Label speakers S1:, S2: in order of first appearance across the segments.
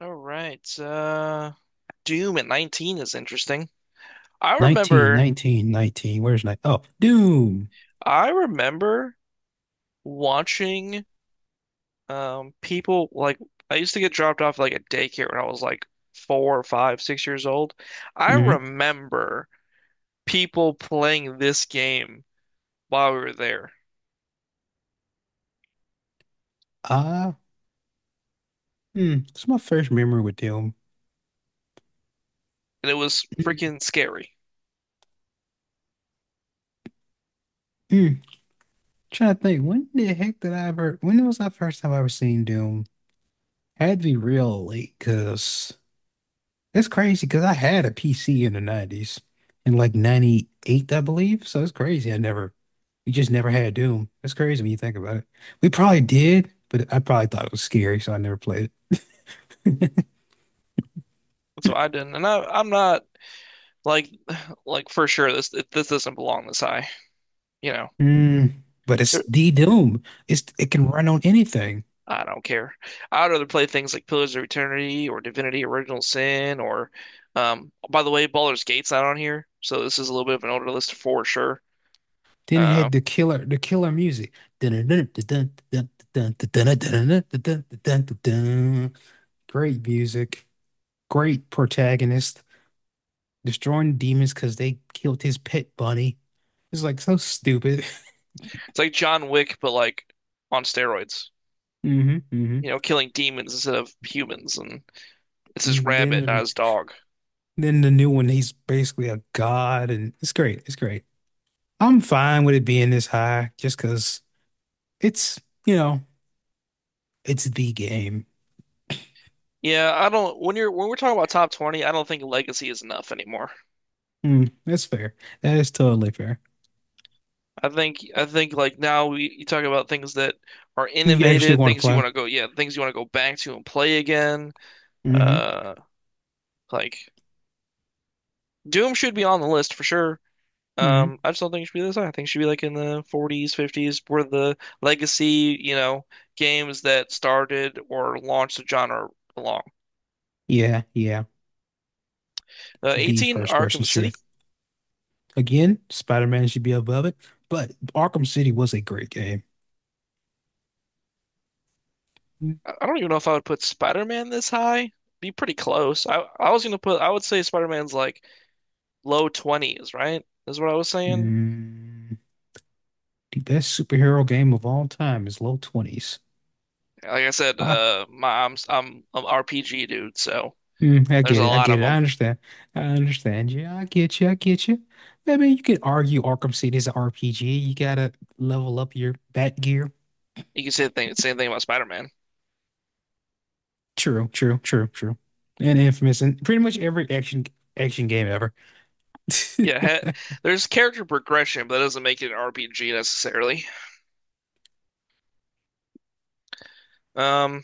S1: All right. Doom at 19 is interesting. I
S2: 19,
S1: remember
S2: 19, 19. Where's nine? Oh, Doom.
S1: I remember watching people like I used to get dropped off like at daycare when I was like four, five, 6 years old. I
S2: Hmm.
S1: remember people playing this game while we were there,
S2: Ah, hmm. It's my first memory with Doom.
S1: and it was freaking scary.
S2: Mm-hmm. Trying to think, when was the first time I ever seen Doom? Had to be real late, because it's crazy, because I had a PC in the 90s, in like 98, I believe. So it's crazy. I never, we just never had Doom. It's crazy when you think about it. We probably did, but I probably thought it was scary, so I never played it.
S1: So I didn't, and I'm not like like for sure this doesn't belong this high. You know,
S2: Mm, but it's D Doom. It can run on anything.
S1: I don't care. I'd rather play things like Pillars of Eternity or Divinity Original Sin or, by the way, Baldur's Gate's not on here, so this is a little bit of an older list for sure.
S2: Then it
S1: Uh,
S2: had the killer music. Great music. Great protagonist. Destroying demons because they killed his pet bunny. It's like so stupid.
S1: it's like John Wick, but like on steroids.
S2: Hmm, hmm.
S1: You know, killing demons instead of humans, and it's his rabbit, not
S2: Then
S1: his dog.
S2: then the new one, he's basically a god, and it's great. It's great. I'm fine with it being this high just because it's, you know, it's the game.
S1: Yeah, I don't. When you're when we're talking about top 20, I don't think legacy is enough anymore.
S2: Mm, that's fair. That is totally fair.
S1: I think like now we you talk about things that are
S2: You actually
S1: innovative,
S2: want to
S1: things you
S2: play.
S1: want to go, yeah, things you want to go back to and play again.
S2: Hmm,
S1: Uh, Like Doom should be on the list for sure.
S2: hmm.
S1: I just don't think it should be this high. I think it should be like in the 40s, 50s, where the legacy, you know, games that started or launched the genre belong.
S2: Yeah, yeah. The
S1: 18,
S2: first
S1: Arkham
S2: person shooter.
S1: City.
S2: Again, Spider-Man should be above it, but Arkham City was a great game.
S1: I don't even know if I would put Spider-Man this high. Be pretty close. I was gonna put. I would say Spider-Man's like low 20s, right? Is what I was saying.
S2: Mm, the best superhero game of all time is low 20s.
S1: Like I said,
S2: Ah,
S1: my I'm an RPG dude, so
S2: mm, I
S1: there's
S2: get
S1: a
S2: it. I
S1: lot
S2: get
S1: of
S2: it. I
S1: them.
S2: understand. I understand you. I get you. I get you. I mean, you could argue Arkham City is an RPG. You gotta level up your bat gear.
S1: You can say same thing about Spider-Man.
S2: True, true, true, true. And Infamous and pretty much every action game ever.
S1: Yeah, ha there's character progression, but that doesn't make it an RPG necessarily. Um,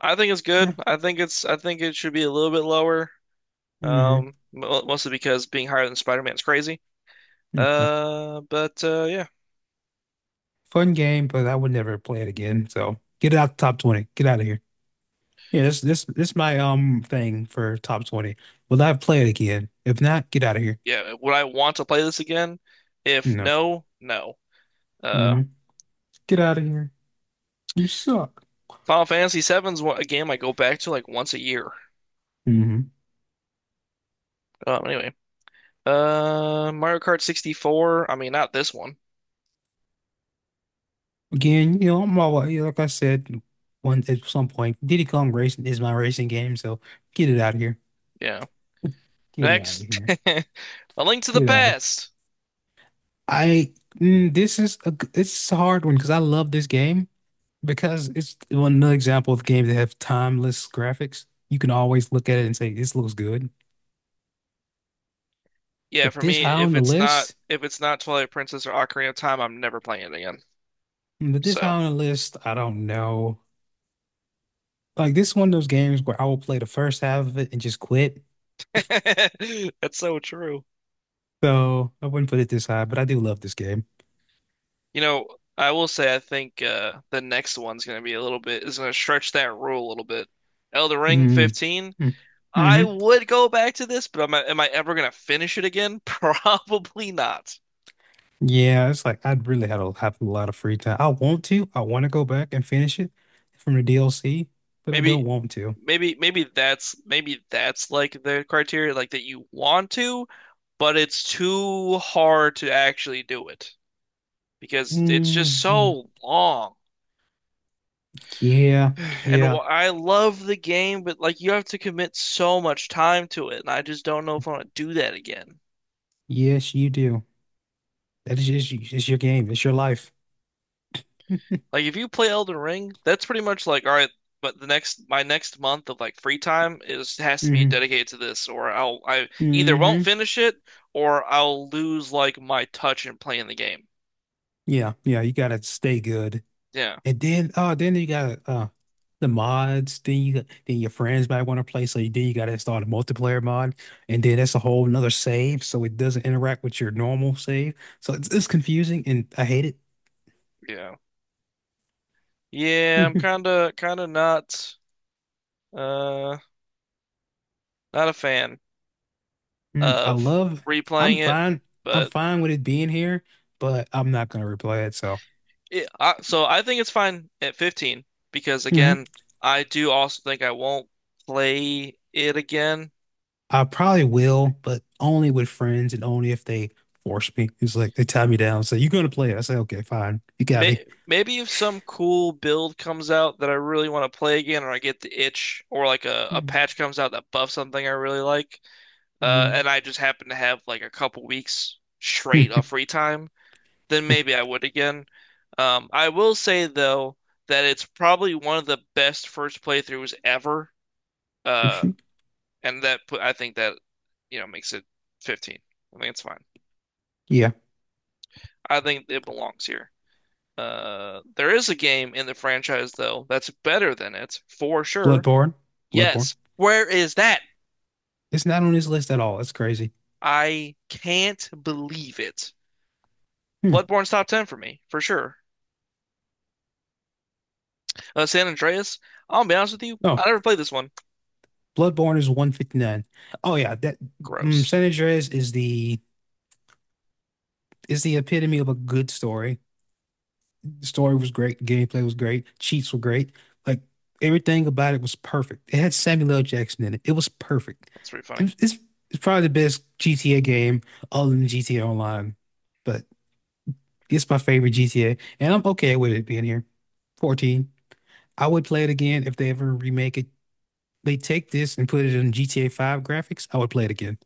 S1: I think it's good. I think it should be a little bit lower.
S2: Hmm.
S1: Mostly because being higher than Spider-Man is crazy. Uh, but uh, yeah,
S2: Fun game, but I would never play it again. So get it out the top 20. Get out of here. Yeah, this my thing for top 20. Will I play it again? If not, get out of here.
S1: yeah. Would I want to play this again? If
S2: No.
S1: no, no. Uh,
S2: Hmm. Get out of here. You suck.
S1: Final Fantasy VII's a game I go back to like once a year.
S2: Hmm.
S1: Anyway, Mario Kart 64. I mean, not this one.
S2: Again, I'm all, like I said one at some point, Diddy Kong Racing is my racing game, so get it out of here.
S1: Yeah.
S2: Get it out of
S1: Next,
S2: here.
S1: A Link to the
S2: Get out of here.
S1: Past.
S2: I mm, this is a g- this is a hard one because I love this game because it's one another example of games that have timeless graphics. You can always look at it and say this looks good,
S1: Yeah,
S2: but
S1: for
S2: this
S1: me,
S2: high
S1: if
S2: on the list,
S1: it's not Twilight Princess or Ocarina of Time, I'm never playing it again.
S2: but this
S1: So
S2: high on the list, I don't know. Like this is one of those games where I will play the first half of it and just quit.
S1: that's so true.
S2: So I wouldn't put it this high, but I do love this game.
S1: You know, I will say I think the next one's gonna stretch that rule a little bit. Elden Ring
S2: Mm-hmm.
S1: 15.
S2: Mm-hmm.
S1: I
S2: Mm-hmm.
S1: would go back to this, but am I ever gonna finish it again? Probably not.
S2: Yeah, it's like I'd really had a have a lot of free time. I want to. I want to go back and finish it from the DLC, but I
S1: Maybe
S2: don't want to.
S1: maybe maybe that's like the criteria, like that you want to, but it's too hard to actually do it, because it's just
S2: Hmm.
S1: so long.
S2: Yeah, yeah,
S1: I love the game, but like you have to commit so much time to it, and I just don't know if I want to do that again.
S2: yes, you do. That is just it's your game. It's your life.
S1: Like if you play Elden Ring, that's pretty much like, all right, but the next my next month of like free time is has to be
S2: Hmm,
S1: dedicated to this, or I'll I either won't
S2: hmm.
S1: finish it or I'll lose like my touch in playing the game.
S2: Yeah, yeah. You gotta stay good.
S1: Yeah,
S2: And then, oh, then you got the mods. Then your friends might want to play, so then you got to install the multiplayer mod, and then that's a whole another save, so it doesn't interact with your normal save. So it's confusing, and I hate
S1: yeah. Yeah, I'm
S2: it.
S1: kinda kinda not uh not a fan
S2: Mm, I
S1: of
S2: love. I'm
S1: replaying it,
S2: fine. I'm
S1: but
S2: fine with it being here, but I'm not gonna replay it. So
S1: It, I, so I think it's fine at 15 because
S2: mhm.
S1: again, I do also think I won't play it again.
S2: I probably will, but only with friends and only if they force me. It's like they tie me down, say you're gonna play it. I say okay, fine. You got me.
S1: Maybe if some cool build comes out that I really want to play again, or I get the itch, or like a
S2: Mm,
S1: patch comes out that buffs something I really like, and I just happen to have like a couple weeks straight of free time, then maybe I would again. I will say though that it's probably one of the best first playthroughs ever. Uh,
S2: mm.
S1: and that put I think that makes it 15. I think it's fine.
S2: Yeah.
S1: I think it belongs here. There is a game in the franchise though that's better than it for sure.
S2: Bloodborne. Bloodborne.
S1: Yes, where is that?
S2: It's not on his list at all. That's crazy.
S1: I can't believe it.
S2: Hmm.
S1: Bloodborne's top 10 for me, for sure. San Andreas, I'll be honest with you, I
S2: Oh,
S1: never played this one.
S2: Bloodborne is 159. Oh yeah,
S1: Gross.
S2: San Andreas is the epitome of a good story. The story was great, gameplay was great, cheats were great. Like everything about it was perfect. It had Samuel L. Jackson in it. It was perfect.
S1: That's pretty funny.
S2: It, it's it's probably the best GTA game other than GTA Online, but it's my favorite GTA, and I'm okay with it being here. 14. I would play it again if they ever remake it, they take this and put it in GTA 5 graphics, I would play it again.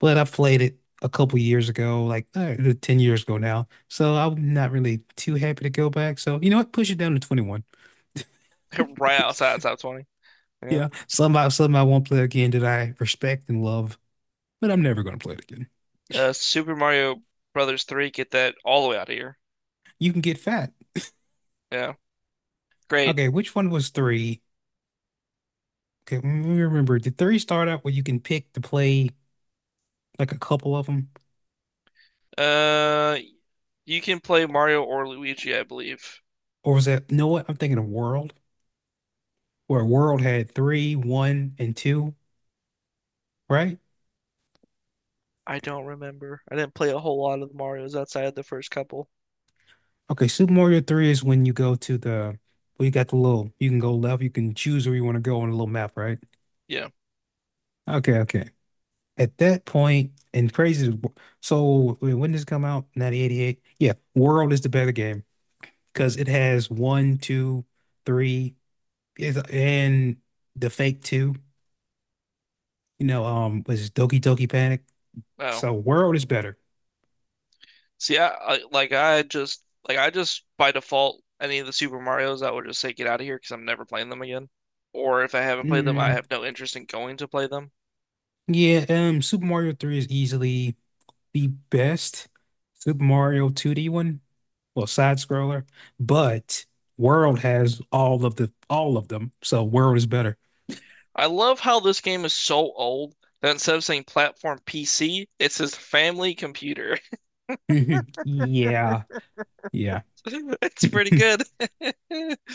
S2: But I played it a couple years ago, like 10 years ago now. So I'm not really too happy to go back. So, you know what? Push it down to 21.
S1: Right outside of top 20. Yeah.
S2: Yeah, somehow I won't play again that I respect and love, but I'm never going to play it again.
S1: Super Mario Brothers 3, get that all the way out of here.
S2: You can get fat.
S1: Yeah. Great.
S2: Okay, which one was three? Okay, remember, did three start out where you can pick to play like a couple of them?
S1: Uh, you can play Mario or Luigi, I believe.
S2: Or was that, you know what? I'm thinking of World, where World had three, one, and two, right?
S1: I don't remember. I didn't play a whole lot of the Marios outside of the first couple.
S2: Okay, Super Mario 3 is when you go to the, well, you got the little, you can go left, you can choose where you want to go on a little map, right?
S1: Yeah.
S2: Okay, okay. At that point, and crazy, so wait, when did this come out? 1988? Yeah, World is the better game because it has one, two, three, and the fake two, was Doki Doki Panic.
S1: Oh.
S2: So World is better.
S1: See, I like I just by default any of the Super Marios, I would just say get out of here because I'm never playing them again. Or if I haven't played them, I
S2: Mm,
S1: have no interest in going to play them.
S2: yeah, Super Mario 3 is easily the best Super Mario 2D one. Well, side scroller, but World has all of them, so World is better.
S1: I love how this game is so old that instead of saying platform PC, it says family computer.
S2: Yeah, yeah.
S1: It's pretty good.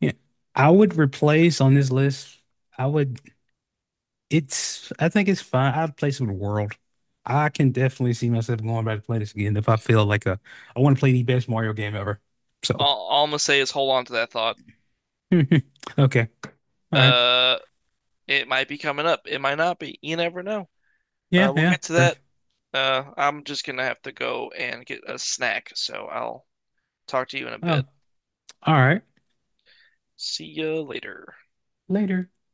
S2: Yeah. I would replace on this list. I would. It's. I think it's fine. I'd place it with World. I can definitely see myself going back to play this again if I feel like a. I want to play the best Mario game ever. So,
S1: All I'm gonna say is hold on to that thought.
S2: okay, all right.
S1: Uh, it might be coming up. It might not be. You never know.
S2: Yeah,
S1: We'll
S2: yeah.
S1: get to that.
S2: Breath.
S1: I'm just gonna have to go and get a snack, so I'll talk to you in a
S2: Oh,
S1: bit.
S2: all right.
S1: See you later.
S2: Later.